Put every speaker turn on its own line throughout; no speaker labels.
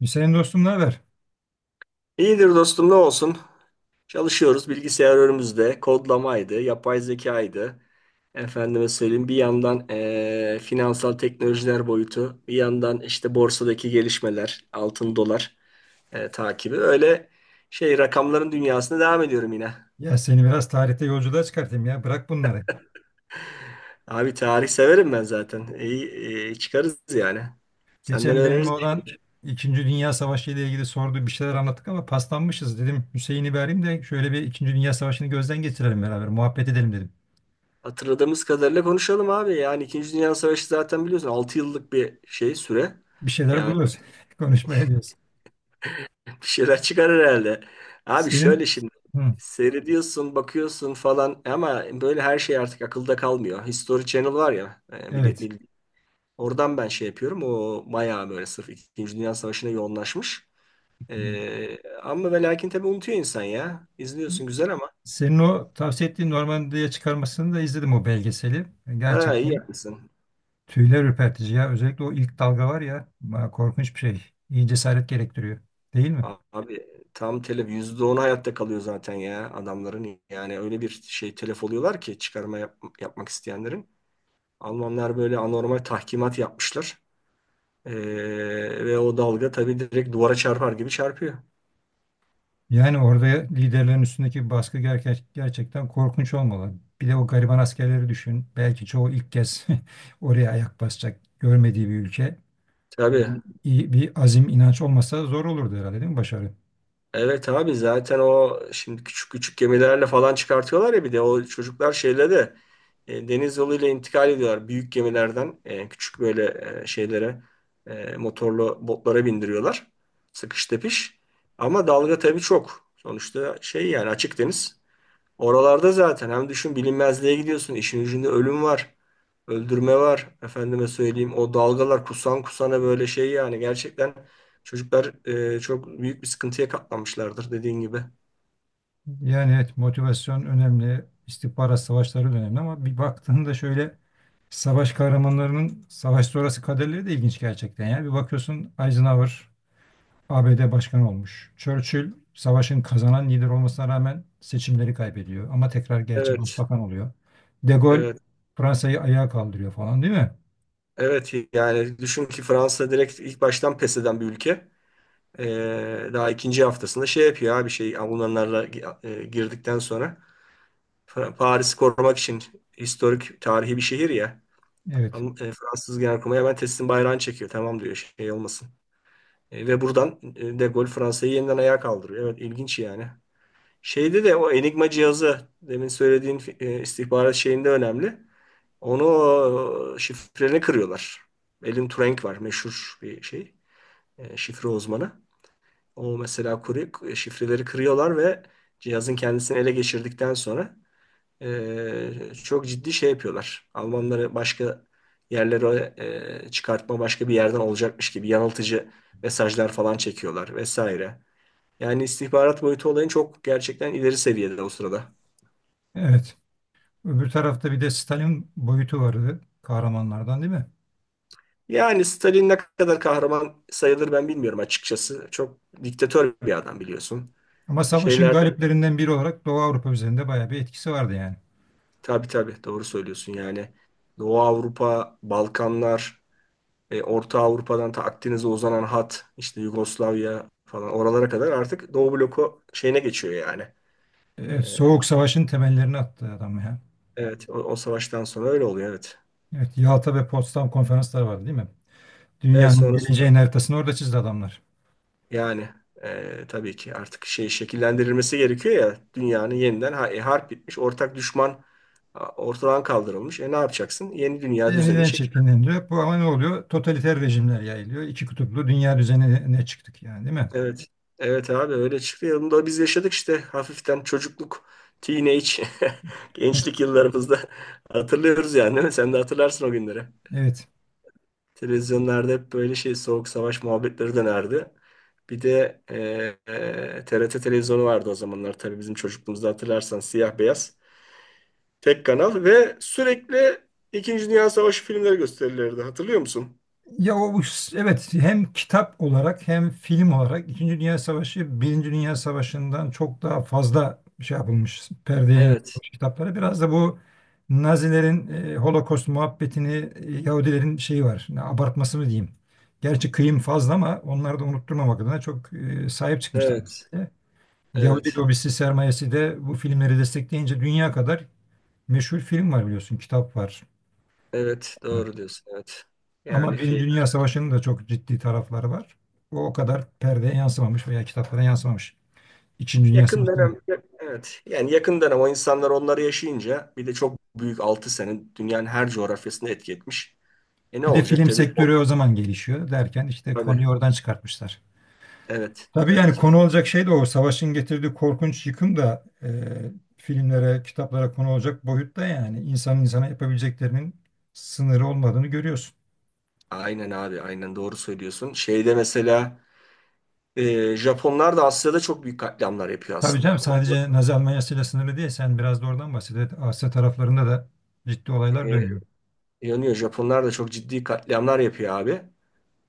Hüseyin dostum, ne haber?
İyidir dostum ne olsun. Çalışıyoruz, bilgisayar önümüzde. Kodlamaydı, yapay zekaydı. Efendime söyleyeyim, bir yandan finansal teknolojiler boyutu, bir yandan işte borsadaki gelişmeler, altın dolar takibi. Öyle şey, rakamların dünyasına devam ediyorum yine.
Ya seni biraz tarihte yolculuğa çıkartayım ya. Bırak bunları.
Abi tarih severim ben zaten. İyi, iyi çıkarız yani. Senden
Geçen benim
öğreniriz.
olan İkinci Dünya Savaşı ile ilgili sordu, bir şeyler anlattık ama paslanmışız dedim. Hüseyin'i bir arayayım da şöyle bir İkinci Dünya Savaşı'nı gözden geçirelim beraber, muhabbet edelim dedim.
Hatırladığımız kadarıyla konuşalım abi. Yani İkinci Dünya Savaşı zaten biliyorsun 6 yıllık bir şey süre.
Bir şeyler
Yani
buluyoruz. Konuşmaya diyoruz.
bir şeyler çıkar herhalde. Abi şöyle
Senin
şimdi
Hı,
seyrediyorsun, bakıyorsun falan ama böyle her şey artık akılda kalmıyor. History Channel var ya,
evet.
oradan ben şey yapıyorum. O bayağı böyle sırf İkinci Dünya Savaşı'na yoğunlaşmış. Ama ve lakin tabii unutuyor insan ya. İzliyorsun, güzel ama.
Senin o tavsiye ettiğin Normandiya'ya çıkarmasını da izledim, o belgeseli.
Ha, iyi
Gerçekten
yapmışsın.
tüyler ürpertici ya. Özellikle o ilk dalga var ya. Korkunç bir şey. İyi cesaret gerektiriyor, değil mi?
Abi tam telef, yüzde onu hayatta kalıyor zaten ya adamların. Yani öyle bir şey telef oluyorlar ki çıkarma yapmak isteyenlerin. Almanlar böyle anormal tahkimat yapmışlar. Ee, Ve o dalga tabii direkt duvara çarpar gibi çarpıyor.
Yani orada liderlerin üstündeki baskı gerçekten korkunç olmalı. Bir de o gariban askerleri düşün. Belki çoğu ilk kez oraya ayak basacak, görmediği bir ülke.
Tabii.
İyi bir azim, inanç olmasa zor olurdu herhalde, değil mi başarı?
Evet abi, zaten o şimdi küçük küçük gemilerle falan çıkartıyorlar ya, bir de o çocuklar şeyle de deniz yoluyla intikal ediyorlar. Büyük gemilerden küçük böyle şeylere, motorlu botlara bindiriyorlar. Sıkış tepiş. Ama dalga tabii çok. Sonuçta şey yani, açık deniz. Oralarda zaten hem düşün bilinmezliğe gidiyorsun, işin ucunda ölüm var. Öldürme var. Efendime söyleyeyim, o dalgalar kusan kusana böyle şey yani. Gerçekten çocuklar çok büyük bir sıkıntıya katlanmışlardır dediğin gibi.
Yani evet, motivasyon önemli, istihbarat savaşları da önemli ama bir baktığında şöyle, savaş kahramanlarının savaş sonrası kaderleri de ilginç gerçekten. Yani bir bakıyorsun, Eisenhower ABD başkanı olmuş. Churchill savaşın kazanan lider olmasına rağmen seçimleri kaybediyor. Ama tekrar gerçi
Evet.
başbakan oluyor. De Gaulle
Evet.
Fransa'yı ayağa kaldırıyor falan, değil mi?
Evet yani düşün ki Fransa direkt ilk baştan pes eden bir ülke. E, daha ikinci haftasında şey yapıyor abi, şey Almanlarla girdikten sonra. Paris'i korumak için, historik, tarihi bir şehir ya.
Evet.
Fransız Genelkurmay'a hemen teslim bayrağını çekiyor. Tamam diyor, şey olmasın. Ve buradan De Gaulle Fransa'yı yeniden ayağa kaldırıyor. Evet ilginç yani. Şeyde de o Enigma cihazı demin söylediğin istihbarat şeyinde önemli. Onu o, şifreni kırıyorlar. Elin Turing var, meşhur bir şey, şifre uzmanı. O mesela kuruyor, şifreleri kırıyorlar ve cihazın kendisini ele geçirdikten sonra çok ciddi şey yapıyorlar. Almanları başka yerlere çıkartma başka bir yerden olacakmış gibi yanıltıcı mesajlar falan çekiyorlar vesaire. Yani istihbarat boyutu olayın çok gerçekten ileri seviyede o sırada.
Evet. Öbür tarafta bir de Stalin boyutu vardı, kahramanlardan değil mi?
Yani Stalin ne kadar kahraman sayılır ben bilmiyorum açıkçası. Çok diktatör bir adam biliyorsun.
Ama savaşın
Şeyler,
galiplerinden biri olarak Doğu Avrupa üzerinde bayağı bir etkisi vardı yani.
tabii tabii doğru söylüyorsun yani. Doğu Avrupa, Balkanlar, Orta Avrupa'dan ta Akdeniz'e uzanan hat, işte Yugoslavya falan oralara kadar artık Doğu bloku şeyine geçiyor yani.
Evet,
E,
Soğuk Savaş'ın temellerini attı adam ya.
evet o, o savaştan sonra öyle oluyor, evet.
Evet, Yalta ve Potsdam konferansları vardı değil mi?
Evet
Dünyanın geleceğin
sonrasında
haritasını orada çizdi adamlar.
yani, tabii ki artık şey, şekillendirilmesi gerekiyor ya dünyanın yeniden, harp bitmiş, ortak düşman ortadan kaldırılmış. E ne yapacaksın? Yeni dünya düzenini.
Yeniden şekillendiriyor. Bu ama ne oluyor? Totaliter rejimler yayılıyor. İki kutuplu dünya düzenine çıktık yani, değil mi?
Evet. Evet abi, öyle çıktı ya. Bunu da biz yaşadık işte hafiften çocukluk, teenage, gençlik yıllarımızda hatırlıyoruz yani değil mi? Sen de hatırlarsın o günleri.
Evet.
Televizyonlarda hep böyle şey, soğuk savaş muhabbetleri dönerdi. Bir de TRT televizyonu vardı o zamanlar tabii, bizim çocukluğumuzda hatırlarsan siyah beyaz. Tek kanal ve sürekli İkinci Dünya Savaşı filmleri gösterilirdi. Hatırlıyor musun?
Ya o evet, hem kitap olarak hem film olarak İkinci Dünya Savaşı Birinci Dünya Savaşı'ndan çok daha fazla şey yapılmış, perdeye
Evet,
yansıtılmış, kitapları. Biraz da bu Nazilerin Holocaust muhabbetini, Yahudilerin şeyi var. Ne, abartması mı diyeyim? Gerçi kıyım fazla ama onları da unutturmamak adına çok sahip çıkmışlar
evet,
mesela. Yahudi
evet,
lobisi sermayesi de bu filmleri destekleyince dünya kadar meşhur film var, biliyorsun, kitap var.
evet. Doğru diyorsun. Evet.
Ama
Yani
Birinci
şey,
Dünya Savaşı'nın da çok ciddi tarafları var. O o kadar perdeye yansımamış veya kitaplara yansımamış. İkinci Dünya
yakın
Savaşı.
dönem, evet. Yani yakın dönem, o insanlar onları yaşayınca, bir de çok büyük, 6 sene dünyanın her coğrafyasında etki etmiş. E ne
Bir de
olacak?
film
Tabii, o,
sektörü o zaman gelişiyor derken işte
tabii.
konuyu oradan çıkartmışlar.
Evet,
Tabii
tabii
yani
ki.
konu olacak şey de o. Savaşın getirdiği korkunç yıkım da filmlere, kitaplara konu olacak boyutta yani. İnsanın insana yapabileceklerinin sınırı olmadığını görüyorsun.
Aynen abi, aynen doğru söylüyorsun. Şeyde mesela Japonlar da Asya'da çok büyük katliamlar yapıyor
Tabii canım,
aslında. O-
sadece Nazi Almanyası ile sınırlı değil. Sen biraz da oradan bahset. Evet, Asya taraflarında da ciddi olaylar
E,
dönüyor.
yanıyor. Japonlar da çok ciddi katliamlar yapıyor abi.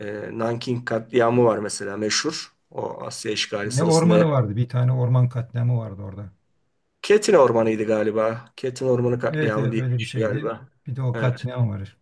Nanking katliamı var mesela meşhur. O Asya işgali
Ne
sırasında.
ormanı vardı? Bir tane orman katliamı vardı orada.
Ketin Ormanı'ydı galiba. Ketin Ormanı
Evet,
katliamı
evet,
diye bir
öyle bir
şey
şeydi.
galiba.
Bir de o
Evet.
katliam var.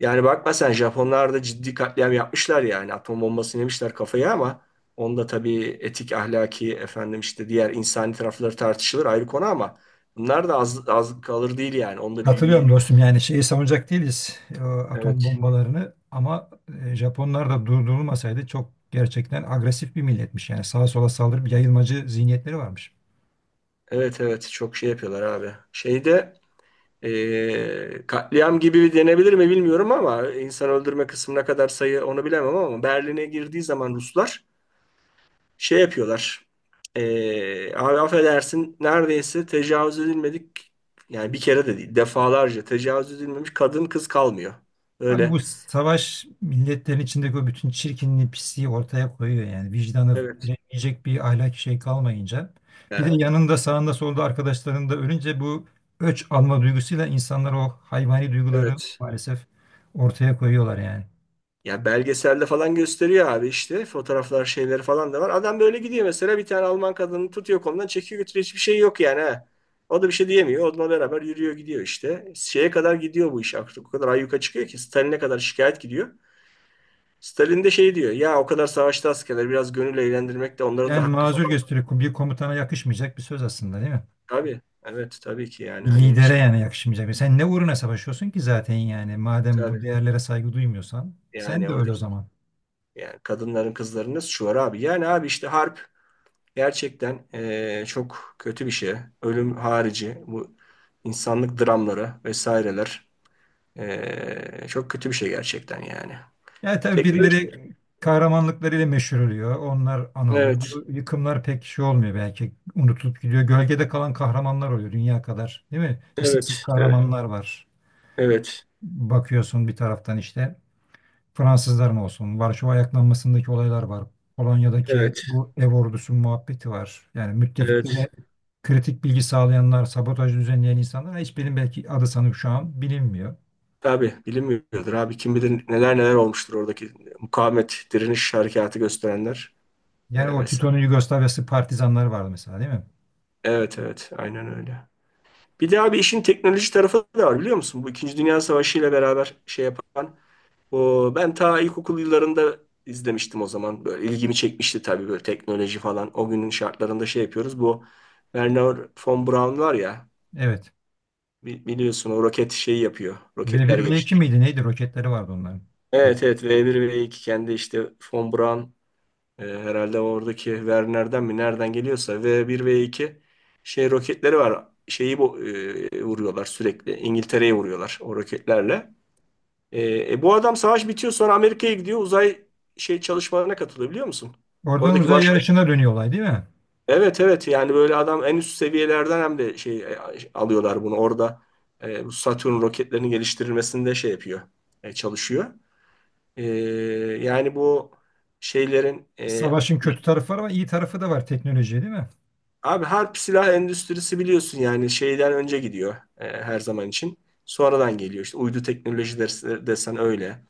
Yani bakma sen, Japonlar da ciddi katliam yapmışlar yani. Atom bombası yemişler kafaya ama onda tabii etik, ahlaki, efendim işte diğer insani tarafları tartışılır, ayrı konu ama bunlar da az, az kalır değil yani. Onda bir,
Katılıyorum dostum. Yani şeyi savunacak değiliz, atom
evet
bombalarını, ama Japonlar da durdurulmasaydı çok, gerçekten agresif bir milletmiş. Yani sağa sola saldırıp yayılmacı zihniyetleri varmış.
evet evet çok şey yapıyorlar abi. Şeyde katliam gibi denebilir mi bilmiyorum ama insan öldürme kısmına kadar, sayı onu bilemem, ama Berlin'e girdiği zaman Ruslar şey yapıyorlar. Abi affedersin neredeyse tecavüz edilmedik, yani bir kere de değil defalarca tecavüz edilmemiş kadın kız kalmıyor.
Abi bu
Öyle.
savaş milletlerin içindeki o bütün çirkinliği, pisliği ortaya koyuyor yani. Vicdanı
Evet.
yiyecek bir ahlaki şey kalmayınca. Bir de
Ya,
yanında, sağında, solda arkadaşların da ölünce, bu öç alma duygusuyla insanlar o hayvani duyguları
evet.
maalesef ortaya koyuyorlar yani.
Ya belgeselde falan gösteriyor abi, işte fotoğraflar şeyleri falan da var. Adam böyle gidiyor mesela, bir tane Alman kadını tutuyor, kolundan çekiyor, götürüyor, hiçbir şey yok yani ha. O da bir şey diyemiyor. Onunla beraber yürüyor gidiyor işte. Şeye kadar gidiyor bu iş artık. O kadar ayyuka çıkıyor ki Stalin'e kadar şikayet gidiyor. Stalin de şey diyor. Ya o kadar savaşta askerler biraz gönül eğlendirmek de onların da
Yani
hakkı
mazur
falan.
gösteriyor. Bir komutana yakışmayacak bir söz aslında, değil mi?
Tabii. Evet tabii ki, yani
Bir
hani
lidere
şey,
yani yakışmayacak. Sen ne uğruna savaşıyorsun ki zaten yani. Madem bu
tabii,
değerlere saygı duymuyorsan, sen
yani
de öyle o
oradaki,
zaman.
yani kadınların kızların nasıl, şu var abi? Yani abi işte harp gerçekten çok kötü bir şey. Ölüm harici bu insanlık dramları vesaireler çok kötü bir şey gerçekten yani.
Yani tabii
Teknoloji.
birileri kahramanlıklarıyla meşhur oluyor. Onlar anılıyor.
Evet.
Bu yıkımlar pek şey olmuyor belki. Unutulup gidiyor. Gölgede kalan kahramanlar oluyor dünya kadar. Değil mi? İsimsiz
Evet. Evet.
kahramanlar var.
Evet.
Bakıyorsun bir taraftan işte Fransızlar mı olsun? Varşova ayaklanmasındaki olaylar var. Polonya'daki
Evet.
bu ev ordusu muhabbeti var. Yani
Evet.
müttefiklere kritik bilgi sağlayanlar, sabotaj düzenleyen insanlar, hiçbirinin belki adı sanıp şu an bilinmiyor.
Tabii bilinmiyordur abi. Kim bilir neler neler olmuştur oradaki mukavemet, direniş harekatı gösterenler.
Yani o
Vesaire.
Tito'nun Yugoslavyası partizanları vardı mesela, değil mi?
Evet evet aynen öyle. Bir de abi işin teknoloji tarafı da var biliyor musun? Bu İkinci Dünya Savaşı ile beraber şey yapan. O, ben ta ilkokul yıllarında izlemiştim o zaman. Böyle ilgimi çekmişti tabii, böyle teknoloji falan. O günün şartlarında şey yapıyoruz. Bu Werner von Braun var ya,
Evet.
biliyorsun o roket şeyi yapıyor.
v
Roketler
bir v iki
geliştiriyor.
miydi neydi, roketleri vardı onların.
Evet
Tek-
evet V1 V2 kendi işte von Braun. Herhalde oradaki Werner'den mi nereden geliyorsa v bir v iki şey roketleri var. Şeyi bu vuruyorlar sürekli. İngiltere'ye vuruyorlar o roketlerle. Bu adam savaş bitiyor sonra Amerika'ya gidiyor. Uzay şey çalışmalarına katılıyor biliyor musun?
Oradan
Oradaki
uzay
baş,
yarışına dönüyor olay, değil mi?
evet evet yani böyle adam en üst seviyelerden hem de şey, alıyorlar bunu orada. Bu Satürn roketlerinin geliştirilmesinde şey yapıyor, çalışıyor. E, yani bu şeylerin e,
Savaşın kötü tarafı var ama iyi tarafı da var, teknoloji, değil mi?
Abi harp silah endüstrisi biliyorsun yani şeyden önce gidiyor her zaman için. Sonradan geliyor işte, uydu teknolojileri desen öyle.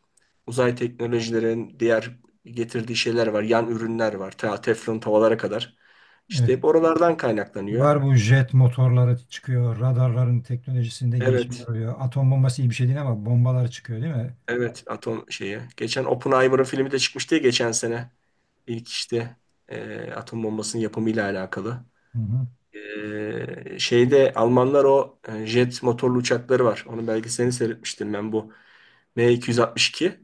Uzay teknolojilerin diğer getirdiği şeyler var. Yan ürünler var. Ta teflon tavalara kadar. İşte
Evet.
hep oralardan kaynaklanıyor.
Var, bu jet motorları çıkıyor, radarların teknolojisinde
Evet.
gelişmeler oluyor. Atom bombası iyi bir şey değil ama bombalar çıkıyor, değil mi?
Evet atom şeyi. Geçen Oppenheimer'ın filmi de çıkmıştı ya geçen sene. İlk işte atom bombasının yapımıyla alakalı.
Hı hı.
Şeyde Almanlar o jet motorlu uçakları var. Onun belgeselini seyretmiştim ben bu M262.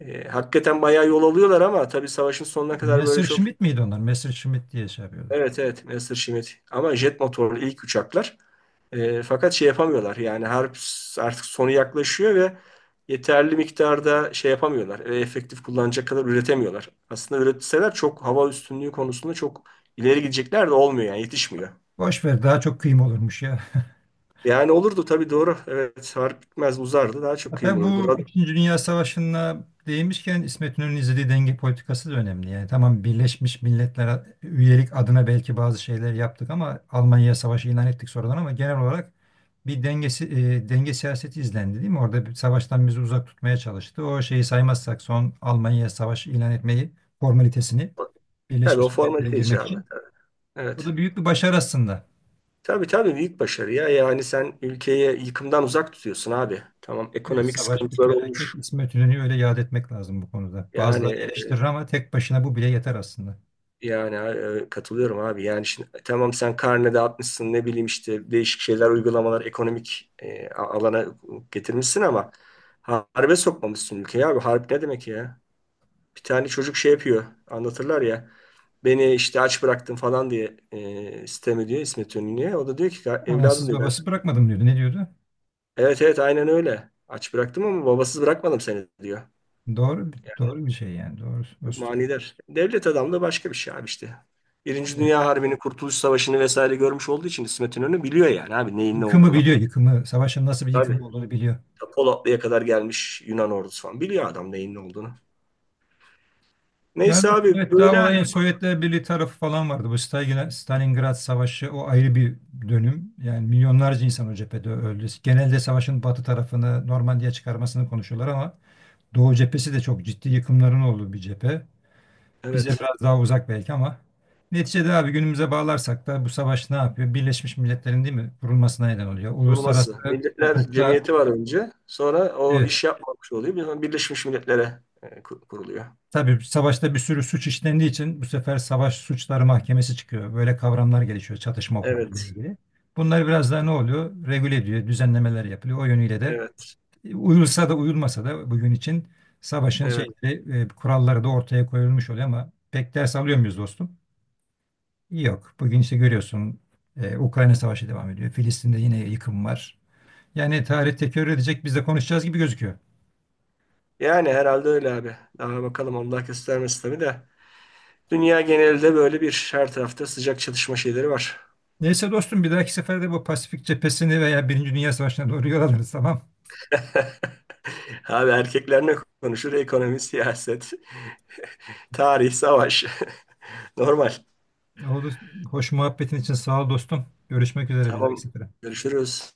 Hakikaten bayağı yol alıyorlar ama tabii savaşın sonuna kadar böyle çok
Messerschmitt miydi onlar? Messerschmitt diye şey yapıyordu.
evet evet Messerschmitt, ama jet motorlu ilk uçaklar. Fakat şey yapamıyorlar yani, harp artık sonu yaklaşıyor ve yeterli miktarda şey yapamıyorlar. Efektif kullanacak kadar üretemiyorlar. Aslında üretseler çok hava üstünlüğü konusunda çok ileri gidecekler de olmuyor yani, yetişmiyor.
Boş ver, daha çok kıyım olurmuş ya.
Yani olurdu tabii, doğru. Evet harp bitmez uzardı, daha çok kıyım
Hatta
olurdu.
bu
Rad-
İkinci Dünya Savaşı'na değinmişken İsmet İnönü'nün izlediği denge politikası da önemli. Yani tamam, Birleşmiş Milletler üyelik adına belki bazı şeyler yaptık, ama Almanya'ya savaşı ilan ettik sonradan, ama genel olarak bir dengesi, denge siyaseti izlendi, değil mi? Orada bir, savaştan bizi uzak tutmaya çalıştı. O şeyi saymazsak, son Almanya'ya Savaşı ilan etmeyi, formalitesini,
Tabii o
Birleşmiş Milletler'e
formalite
girmek
icabı.
için. O
Evet.
da büyük bir başarı aslında.
Tabii tabii büyük başarı ya. Yani sen ülkeyi yıkımdan uzak tutuyorsun abi. Tamam
Evet,
ekonomik
savaş bir
sıkıntılar
felaket.
olmuş.
İsmet İnönü'yü öyle yad etmek lazım bu konuda. Bazıları
Yani
eleştirir ama tek başına bu bile yeter aslında.
yani katılıyorum abi. Yani şimdi tamam sen karne dağıtmışsın, ne bileyim işte değişik şeyler uygulamalar ekonomik alana getirmişsin ama harbe sokmamışsın ülkeyi abi. Harp ne demek ya? Bir tane çocuk şey yapıyor, anlatırlar ya. Beni işte aç bıraktın falan diye sitem ediyor İsmet İnönü'ye. O da diyor ki evladım,
Anasız
diyor ben.
babası bırakmadım diyordu. Ne diyordu?
Evet evet aynen öyle. Aç bıraktım ama babasız bırakmadım seni, diyor.
Doğru,
Yani
doğru bir şey yani. Doğru
çok
dostum.
manidar. Devlet adamı da başka bir şey abi işte. Birinci
Evet.
Dünya Harbi'ni, Kurtuluş Savaşı'nı vesaire görmüş olduğu için İsmet İnönü biliyor yani abi neyin ne
Yıkımı
olduğunu.
biliyor, yıkımı. Savaşın nasıl bir
Abi
yıkım olduğunu biliyor.
ta Polatlı'ya kadar gelmiş Yunan ordusu falan. Biliyor adam neyin ne olduğunu.
Yani
Neyse
dostum,
abi
evet, daha
böyle,
olayın Sovyetler Birliği tarafı falan vardı. Bu Stalingrad Savaşı o ayrı bir dönüm. Yani milyonlarca insan o cephede öldü. Genelde savaşın batı tarafını, Normandiya çıkarmasını konuşuyorlar ama Doğu cephesi de çok ciddi yıkımların olduğu bir cephe. Bize
evet.
biraz daha uzak belki ama neticede abi, günümüze bağlarsak da, bu savaş ne yapıyor? Birleşmiş Milletler'in, değil mi, kurulmasına neden oluyor. Uluslararası
Kurulması. Milletler
hukukta
Cemiyeti var önce. Sonra o
evet,
iş yapmamış oluyor. Birleşmiş Milletler'e kuruluyor.
tabii savaşta bir sürü suç işlendiği için bu sefer savaş suçları mahkemesi çıkıyor. Böyle kavramlar gelişiyor çatışma hukukuyla
Evet,
ilgili. Bunlar biraz daha ne oluyor? Regüle ediyor, düzenlemeler yapılıyor. O yönüyle de
evet,
uyulsa da uyulmasa da bugün için savaşın
evet.
şeyleri, kuralları da ortaya koyulmuş oluyor ama pek ders alıyor muyuz dostum? Yok. Bugün işte görüyorsun, Ukrayna Savaşı devam ediyor. Filistin'de yine yıkım var. Yani tarih tekrar edecek, biz de konuşacağız gibi gözüküyor.
Yani herhalde öyle abi. Daha bakalım, Allah göstermesi tabii de. Dünya genelinde böyle bir her tarafta sıcak çatışma şeyleri var.
Neyse dostum, bir dahaki seferde bu Pasifik cephesini veya Birinci Dünya Savaşı'na doğru yol alırız, tamam.
Abi erkekler ne konuşur? Ekonomi, siyaset, tarih, savaş. Normal.
Oldu. Hoş muhabbetin için sağ ol dostum. Görüşmek üzere, bir dahaki
Tamam.
sefere.
Görüşürüz.